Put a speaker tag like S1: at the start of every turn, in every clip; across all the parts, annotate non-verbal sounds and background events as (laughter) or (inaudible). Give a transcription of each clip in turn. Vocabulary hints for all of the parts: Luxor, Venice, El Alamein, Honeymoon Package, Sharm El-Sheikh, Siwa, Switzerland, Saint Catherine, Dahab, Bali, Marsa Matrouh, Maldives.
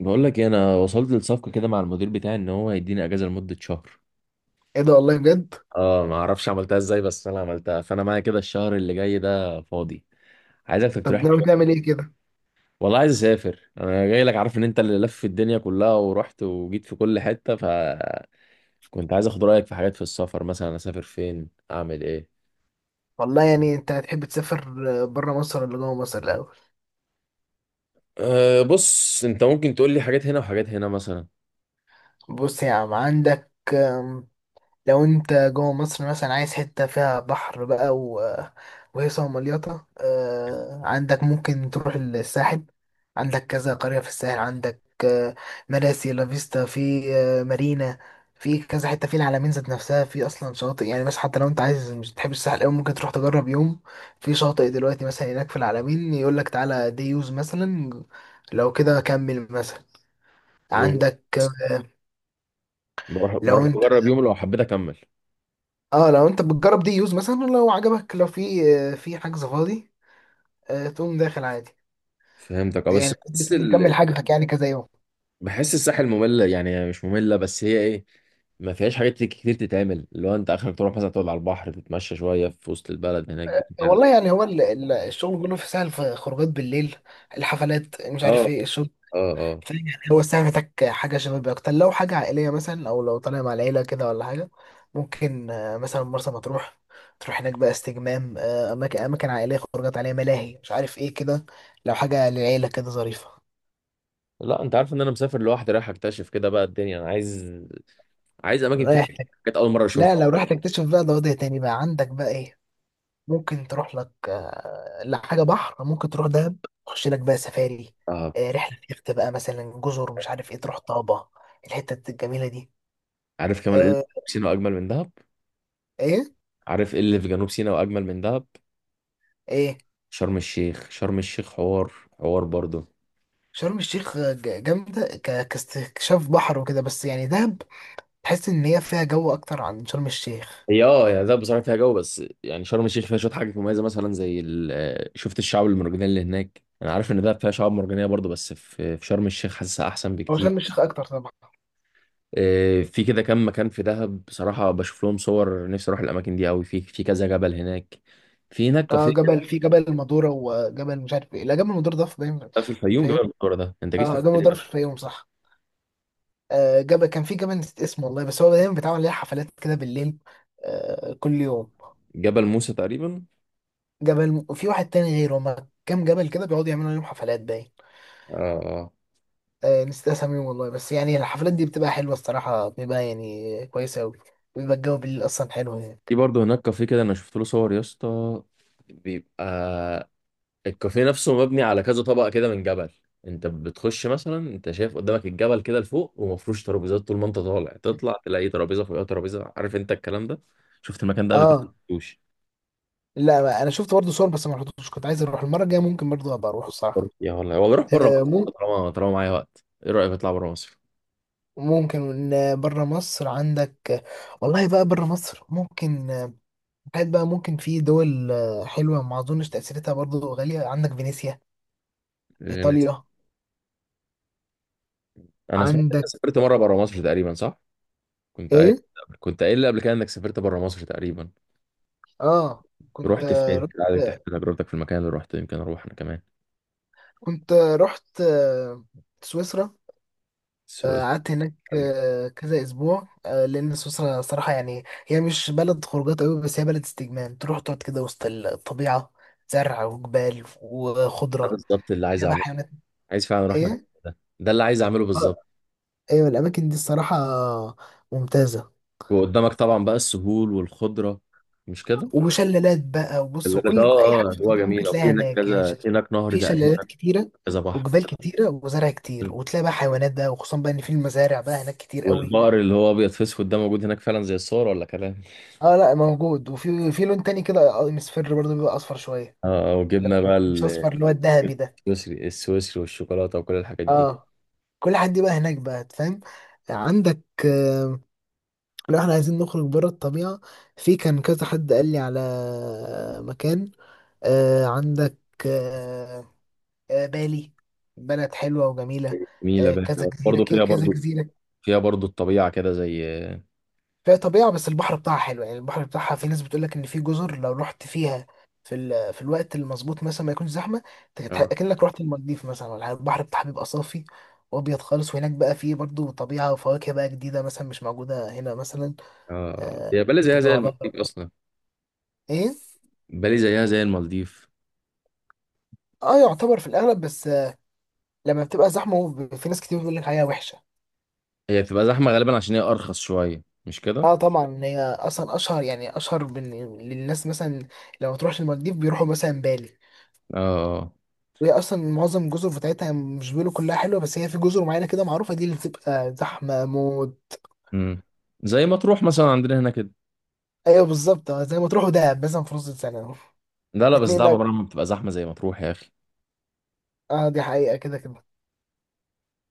S1: بقول لك إيه، انا وصلت للصفقه كده مع المدير بتاعي ان هو هيديني اجازه لمده شهر.
S2: ايه ده والله بجد.
S1: اه، ما اعرفش عملتها ازاي، بس انا عملتها، فانا معايا كده الشهر اللي جاي ده فاضي. عايزك تقترح
S2: طب
S1: لي
S2: ناوي
S1: شويه.
S2: تعمل ايه كده؟
S1: والله عايز اسافر، انا جاي لك عارف ان انت اللي لف الدنيا كلها ورحت وجيت في كل حته، فكنت عايز اخد رايك في حاجات في السفر، مثلا اسافر فين، اعمل ايه.
S2: والله يعني انت هتحب تسافر بره مصر ولا جوه مصر الاول؟
S1: أه بص، انت ممكن تقول لي حاجات هنا وحاجات هنا مثلا.
S2: بص يا عم، عندك لو انت جوه مصر مثلا عايز حتة فيها بحر بقى وهيصة ومليطة، عندك ممكن تروح الساحل. عندك كذا قرية في الساحل، عندك مراسي، لافيستا، في آه، مارينا، في كذا حتة في العلمين ذات نفسها، في أصلا شواطئ يعني. بس حتى لو أنت عايز، مش تحب الساحل أوي، ممكن تروح تجرب يوم في شاطئ دلوقتي مثلا هناك في العلمين، يقولك تعالى دي يوز مثلا، لو كده كمل مثلا.
S1: يوم.
S2: عندك
S1: بروح
S2: لو
S1: بروح
S2: انت،
S1: اجرب يوم لو حبيت اكمل.
S2: اه لو انت بتجرب دي يوز مثلا، لو عجبك، لو في حجز فاضي، تقوم داخل عادي،
S1: فهمتك. اه، بس
S2: يعني
S1: بس
S2: بتكمل حجزك يعني كذا يوم.
S1: بحس الساحل مملة، يعني مش مملة، بس هي ايه، ما فيهاش حاجات كتير تتعمل، اللي هو انت اخرك تروح مثلا تقعد على البحر، تتمشى شوية في وسط البلد هناك بتاع.
S2: والله يعني هو الشغل كله في سهل، في خروجات بالليل، الحفلات، مش
S1: اه.
S2: عارف ايه الشغل.
S1: اه. اه.
S2: فاهم؟ يعني هو الساعة محتاج حاجة شبابية أكتر، لو حاجة عائلية مثلا، أو لو طالع مع العيلة كده ولا حاجة، ممكن مثلا مرسى مطروح، تروح هناك بقى استجمام، أماكن، أماكن عائلية، خروجات عليها ملاهي، مش عارف ايه كده، لو حاجة للعيلة كده ظريفة.
S1: لا، انت عارف ان انا مسافر لوحدي، رايح اكتشف كده بقى الدنيا. انا عايز اماكن فيها
S2: رايح؟
S1: حاجات اول مرة
S2: لا،
S1: اشوفها.
S2: لو رحت تكتشف بقى ده وضع تاني بقى، عندك بقى ايه، ممكن تروح لك لحاجة بحر، ممكن تروح دهب، تخش لك بقى سفاري،
S1: اه.
S2: رحلة يخت بقى مثلا، جزر، مش عارف ايه، تروح طابة، الحتة الجميلة دي.
S1: عارف كمان ايه اللي
S2: آه،
S1: في سينا اجمل من دهب.
S2: ايه؟
S1: عارف ايه اللي في جنوب سينا واجمل من دهب.
S2: ايه؟
S1: شرم الشيخ، شرم الشيخ حوار. حوار برضه.
S2: شرم الشيخ آه، ج- جامدة ك- كاستكشاف بحر وكده، بس يعني دهب تحس ان هي فيها جو اكتر عن شرم الشيخ.
S1: هي اه، يعني ده بصراحه فيها جو، بس يعني شرم الشيخ فيها شويه حاجات مميزه، مثلا زي شفت الشعاب المرجانيه اللي هناك. انا عارف ان ده فيها شعاب مرجانيه برضه، بس في في شرم الشيخ حاسسها احسن
S2: هو
S1: بكتير.
S2: شرم الشيخ اكتر طبعا.
S1: في كده كام مكان في دهب، بصراحه بشوف لهم صور، نفسي اروح الاماكن دي قوي. في في كذا جبل هناك، في هناك
S2: اه
S1: كافيه كده.
S2: جبل، في جبل المدورة وجبل مش عارف ايه لا جبل المدورة ده في، باين في
S1: في الفيوم جبل
S2: الفيوم.
S1: المنورة ده، انت جيت في
S2: اه جبل
S1: الحته دي
S2: المدورة
S1: بقى؟
S2: في الفيوم صح. جاب كان في جبل نسيت اسمه والله، بس هو دايما بيتعمل ليه حفلات كده بالليل، كل يوم.
S1: جبل موسى تقريبا.
S2: جبل، وفي واحد تاني غيره، هما كام جبل كده بيقعدوا يعملوا ليهم حفلات باين.
S1: اه. اه. آه.
S2: نسيت اساميهم والله، بس يعني الحفلات دي بتبقى حلوة الصراحة، بيبقى يعني كويسة أوي. بيبقى الجو بالليل أصلا حلو
S1: في
S2: هناك.
S1: برضه هناك كافيه كده، انا شفت له صور يا اسطى. بيبقى الكافيه نفسه مبني على كذا طبقة كده من جبل. انت بتخش مثلا، انت شايف قدامك الجبل كده لفوق، ومفروش ترابيزات. طول ما انت طالع تطلع تلاقي ترابيزة فوقها ترابيزة. عارف انت الكلام ده؟ شفت المكان ده قبل كده؟
S2: اه
S1: مشفتوش.
S2: لا، أنا شفت برضه صور بس ما رحتوش، كنت عايز أروح المرة الجاية، ممكن برضه أبقى أروح الصراحة.
S1: يا والله، والله روح بره
S2: آه،
S1: مصر.
S2: مم-
S1: طالما معايا وقت، ايه رأيك اطلع بره مصر؟
S2: ممكن. بره مصر؟ عندك، والله بقى بره مصر ممكن، حاجات بقى ممكن في دول حلوة، ما أظنش تأثيرتها برضو غالية. عندك فينيسيا في
S1: انا
S2: إيطاليا،
S1: أنا سمعت انك
S2: عندك
S1: سافرت مرة بره مصر تقريبا، صح؟ كنت قايل
S2: إيه؟
S1: كنت قايل لي قبل كده انك سافرت بره مصر تقريبا.
S2: آه، كنت
S1: رحت فين؟
S2: رحت،
S1: عايزك تحكي تجربتك في المكان اللي رحت، يمكن اروح انا كمان.
S2: كنت آه، رحت آه، سويسرا.
S1: السويس؟
S2: قعدت هناك كذا أسبوع، لأن سويسرا صراحة يعني هي مش بلد خروجات أوي، بس هي بلد استجمام، تروح تقعد كده وسط الطبيعة، زرع وجبال وخضرة،
S1: بالظبط (laughs) اللي عايز
S2: فيها بقى
S1: اعمله.
S2: حيوانات.
S1: عايز فعلا اروح مكان.
S2: إيه؟
S1: ده اللي عايز اعمله
S2: آه،
S1: بالظبط.
S2: أيوة الأماكن دي الصراحة ممتازة.
S1: وقدامك طبعا بقى السهول والخضره، مش كده؟
S2: وشلالات بقى، وبص، وكل اي حاجه
S1: اه، اه،
S2: في
S1: هو
S2: الطبيعه ممكن
S1: جميل. وفي
S2: تلاقيها
S1: هناك
S2: هناك يعني،
S1: كذا، في هناك نهر
S2: في شلالات
S1: تقريبا،
S2: كتيره
S1: كذا بحر.
S2: وجبال كتيره وزرع كتير، وتلاقي بقى حيوانات بقى، وخصوصا بقى ان في المزارع بقى هناك كتير قوي.
S1: والبقر اللي هو ابيض في اسود ده موجود هناك فعلا زي الصور، ولا كلام؟
S2: اه لا موجود، وفي لون تاني كده مصفر برضه، بيبقى اصفر شويه.
S1: اه. آه،
S2: لا
S1: وجبنا بقى
S2: مش اصفر، اللي هو الذهبي ده.
S1: السويسري السويسري والشوكولاته وكل الحاجات دي.
S2: اه كل حد بقى هناك بقى فاهم. عندك لو احنا عايزين نخرج بره الطبيعه، في كان كذا حد قال لي على مكان عندك آه، بالي، بلد حلوة وجميلة،
S1: جميله بقى برضه، فيها
S2: كذا
S1: برضه
S2: جزيرة.
S1: فيها برضه الطبيعه كده زي اه.
S2: فيها طبيعة، بس البحر بتاعها حلو يعني. البحر بتاعها، في ناس بتقول لك إن في جزر لو رحت فيها في الوقت المظبوط مثلا، ما يكونش زحمة،
S1: اه.
S2: أكنك رحت المالديف مثلا ولا حاجة. البحر بتاعها بيبقى صافي وأبيض خالص، وهناك بقى فيه برضو طبيعة وفواكه بقى جديدة مثلا مش موجودة هنا مثلا.
S1: آه. هي بالي
S2: ممكن
S1: زيها زي
S2: تدوها
S1: المالديف
S2: بقى.
S1: اصلا.
S2: إيه؟
S1: بالي زيها زي المالديف.
S2: اه يعتبر في الأغلب، بس لما بتبقى زحمة، في ناس كتير بتقول لك عليها وحشة.
S1: هي بتبقى زحمه غالبا عشان هي ارخص شويه، مش كده؟
S2: اه طبعا هي اصلا اشهر، يعني للناس مثلا، لو تروح المالديف بيروحوا مثلا بالي.
S1: اه.
S2: وهي اصلا معظم الجزر بتاعتها مش بيقولوا كلها حلوه، بس هي في جزر معينه كده معروفه، دي اللي بتبقى زحمه موت.
S1: امم زي ما تروح مثلا عندنا هنا كده.
S2: ايوه بالظبط، زي ما تروحوا دهب مثلا في نص السنه.
S1: لا لا، بس
S2: اتنين.
S1: ده عمرها ما بتبقى زحمه زي ما تروح يا اخي.
S2: اه دي حقيقه كده كده.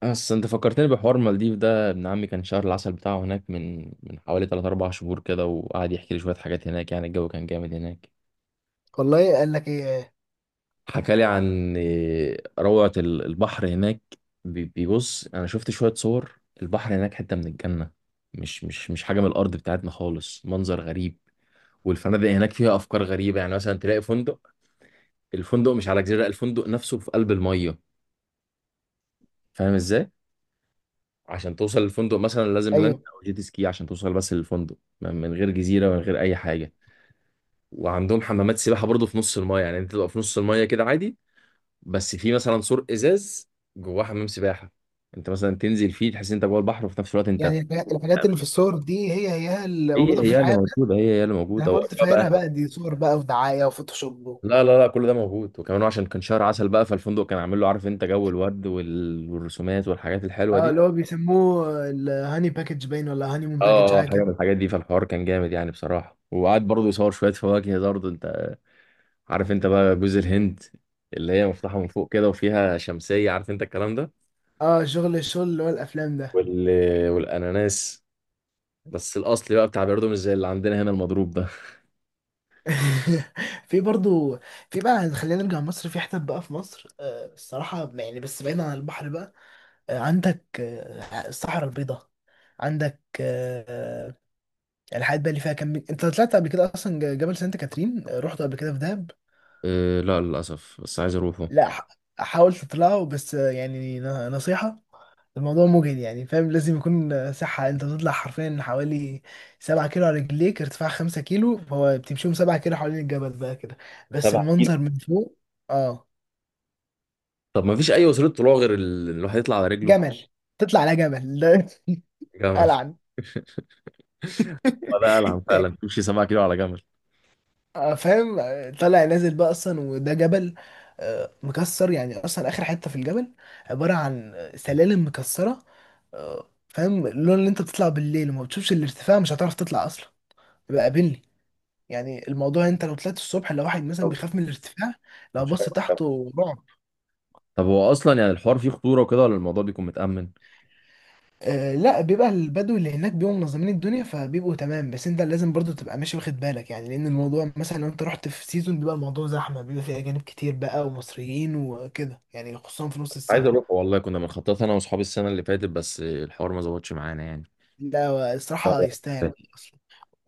S1: بس انت فكرتني بحوار المالديف ده، ابن عمي كان شهر العسل بتاعه هناك من حوالي 3 4 شهور كده، وقعد يحكي لي شويه حاجات هناك. يعني الجو كان جامد هناك.
S2: والله قال لك ايه؟
S1: حكى لي عن إيه، روعه البحر هناك. بيبص، انا شفت شويه صور البحر هناك، حته من الجنه. مش حاجه من الارض بتاعتنا خالص، منظر غريب. والفنادق هناك فيها افكار غريبه، يعني مثلا تلاقي فندق، الفندق مش على جزيرة، الفندق نفسه في قلب المية. فاهم ازاي؟ عشان توصل للفندق مثلا لازم لانش
S2: ايوه
S1: او جيت سكي عشان توصل بس للفندق. من غير جزيرة ومن غير اي حاجة. وعندهم حمامات سباحة برضو في نص المية، يعني انت تبقى في نص المية كده عادي. بس في مثلا سور ازاز، جواه حمام سباحة، انت مثلا تنزل فيه تحس انت جوه البحر، وفي نفس الوقت انت في.
S2: يعني الحاجات، الحاجات اللي في الصور دي هي اللي
S1: هي
S2: موجوده في
S1: هي اللي
S2: الحياه.
S1: موجودة، هي هي اللي
S2: انا
S1: موجودة،
S2: قلت
S1: وأجواء
S2: فاكرها
S1: بقى.
S2: بقى دي صور بقى ودعايه وفوتوشوب
S1: لا لا لا، كل ده موجود. وكمان عشان كان شهر عسل بقى، فالفندق كان عامل له، عارف انت جو الورد والرسومات والحاجات الحلوة
S2: اه
S1: دي.
S2: اللي هو بيسموه الهاني باكج، باين ولا هاني مون باكج،
S1: اه، اه،
S2: حاجه
S1: حاجه
S2: كده.
S1: من الحاجات دي، فالحوار كان جامد يعني بصراحه. وقعد برضه يصور شويه فواكه برضه. انت عارف انت بقى جوز الهند اللي هي مفتوحه من فوق كده وفيها شمسيه، عارف انت الكلام ده؟
S2: اه شغل، الشغل اللي هو الافلام ده.
S1: وال... والاناناس، بس الاصلي بقى بتاع بيردو، مش زي اللي عندنا هنا المضروب ده.
S2: (laughs) في برضو، في بقى، خلينا نرجع مصر، في حتت بقى في مصر آه الصراحة يعني، بس بعيد عن البحر بقى، آه عندك آه الصحراء البيضاء. عندك آه الحاجات بقى اللي فيها كم. انت طلعت قبل كده اصلا جبل سانت كاترين؟ رحت قبل كده في دهب؟
S1: أه، لا للاسف بس عايز اروحه.
S2: لا حاول تطلعه بس، آه يعني نصيحة، الموضوع مجهد يعني فاهم، لازم يكون صحة، انت بتطلع حرفيا حوالي 7 كيلو على رجليك، ارتفاع 5 كيلو، فهو بتمشيهم 7 كيلو حوالين الجبل بقى كده، بس
S1: سبع كيلو؟
S2: المنظر من فوق. اه
S1: طب ما فيش اي وسيله طلوع غير الواحد يطلع على رجله؟
S2: جمل. تطلع على جبل ده؟ (laughs)
S1: جمل.
S2: ألعن.
S1: (laughs) ده العن
S2: (laughs)
S1: فعلا، تمشي 7 كيلو على جمل.
S2: فاهم، طالع نازل بقى اصلا، وده جبل مكسر يعني، اصلا اخر حتة في الجبل عبارة عن سلالم مكسرة. فاهم اللون اللي انت بتطلع بالليل وما بتشوفش الارتفاع، مش هتعرف تطلع اصلا، يبقى قابلني. يعني الموضوع، انت لو طلعت الصبح، لو واحد مثلا
S1: طب
S2: بيخاف من الارتفاع، لو
S1: مش
S2: بص
S1: عارف.
S2: تحته رعب.
S1: طب هو اصلا يعني الحوار فيه خطوره وكده، ولا الموضوع بيكون متامن؟
S2: آه لا بيبقى البدو اللي هناك بيبقوا منظمين الدنيا، فبيبقوا تمام، بس انت لازم برضو تبقى ماشي واخد بالك يعني، لان الموضوع مثلا لو انت رحت في سيزون، بيبقى الموضوع زحمه، بيبقى فيه اجانب كتير بقى ومصريين وكده يعني، خصوصا في نص
S1: عايز
S2: السنه.
S1: اروح والله، كنا بنخطط انا واصحابي السنه اللي فاتت بس الحوار ما ظبطش معانا يعني.
S2: لا الصراحه يستاهل،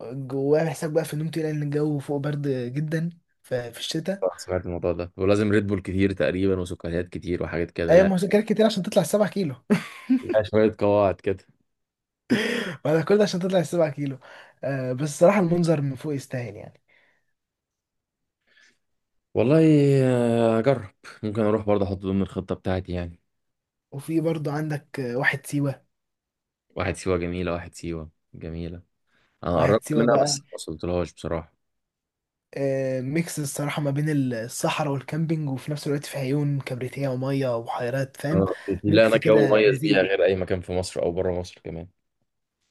S2: جواه حساب بقى في النوم تقيل لان الجو فوق برد جدا في الشتاء.
S1: لا، سمعت الموضوع ده، ولازم ريد بول كتير تقريبا وسكريات كتير وحاجات كده.
S2: اي
S1: لا.
S2: مذاكرات كتير عشان تطلع 7 كيلو؟
S1: لا، شويه قواعد كده.
S2: (laughs) ولا كل ده عشان تطلع 7 كيلو؟ آه بس الصراحه المنظر من فوق يستاهل يعني.
S1: والله، اجرب. ممكن اروح برضه، احط ضمن الخطه بتاعتي يعني.
S2: وفي برضو عندك واحد سيوة.
S1: واحد سيوه جميله، واحد سيوه جميله. انا
S2: واحد
S1: قربت
S2: سيوة
S1: منها بس
S2: بقى
S1: ما وصلتلهاش بصراحه.
S2: ميكس الصراحة ما بين الصحراء والكامبينج، وفي نفس الوقت في عيون كبريتية ومية وبحيرات، فاهم،
S1: أنا- لا، انا
S2: ميكس
S1: جو
S2: كده
S1: مميز بيها
S2: لذيذ.
S1: غير اي مكان في مصر او بره مصر كمان.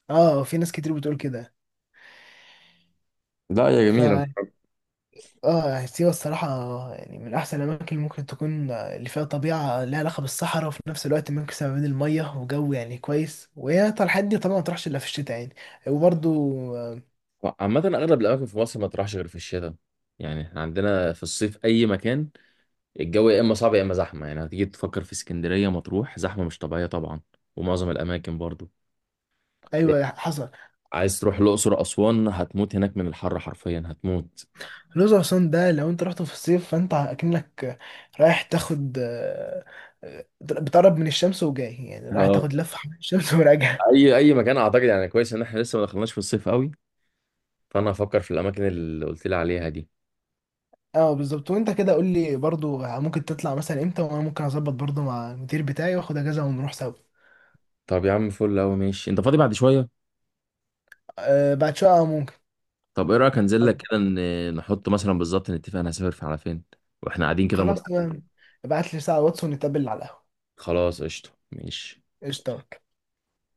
S2: اه في ناس كتير بتقول كده.
S1: لا يا
S2: ف
S1: جميله.
S2: اه سيوة الصراحة يعني من أحسن الأماكن اللي ممكن تكون اللي فيها طبيعة لها علاقة بالصحراء، وفي نفس الوقت ميكس ما بين المية وجو يعني كويس، وهي الحاجات دي طبعا ما تروحش إلا في الشتاء يعني. وبرضو
S1: عامه اغلب الاماكن في مصر ما تروحش غير في الشتاء. يعني احنا عندنا في الصيف اي مكان، الجو يا اما صعب يا اما زحمه. يعني هتيجي تفكر في اسكندريه مطروح، زحمه مش طبيعيه طبعا، ومعظم الاماكن برضو. إيه،
S2: أيوة حصل.
S1: عايز تروح الاقصر اسوان، هتموت هناك من الحر، حرفيا هتموت.
S2: الأقصر وأسوان ده لو أنت رحت في الصيف فأنت أكنك رايح تاخد بتقرب من الشمس وجاي، يعني رايح
S1: اه.
S2: تاخد لفة حوالين الشمس (laughs) وراجع.
S1: اي مكان، اعتقد يعني كويس ان احنا لسه ما دخلناش في الصيف قوي، فانا هفكر في الاماكن اللي قلت لي عليها دي.
S2: اه بالظبط، وأنت كده قول لي برضو ممكن تطلع مثلا إمتى، وأنا ممكن أظبط برضو مع المدير بتاعي وآخد أجازة ونروح سوا.
S1: طب يا عم فل قوي، ماشي. انت فاضي بعد شويه؟
S2: أه بعد شوية ممكن.
S1: طب ايه رايك انزل
S2: أو-
S1: لك كده، نحط مثلا بالظبط نتفق انا هسافر في على فين، واحنا قاعدين كده الموضوع.
S2: خلاص تمام، ابعت لي ساعة واتس ونتقابل على القهوة.
S1: خلاص، قشطه، ماشي.
S2: قشطة.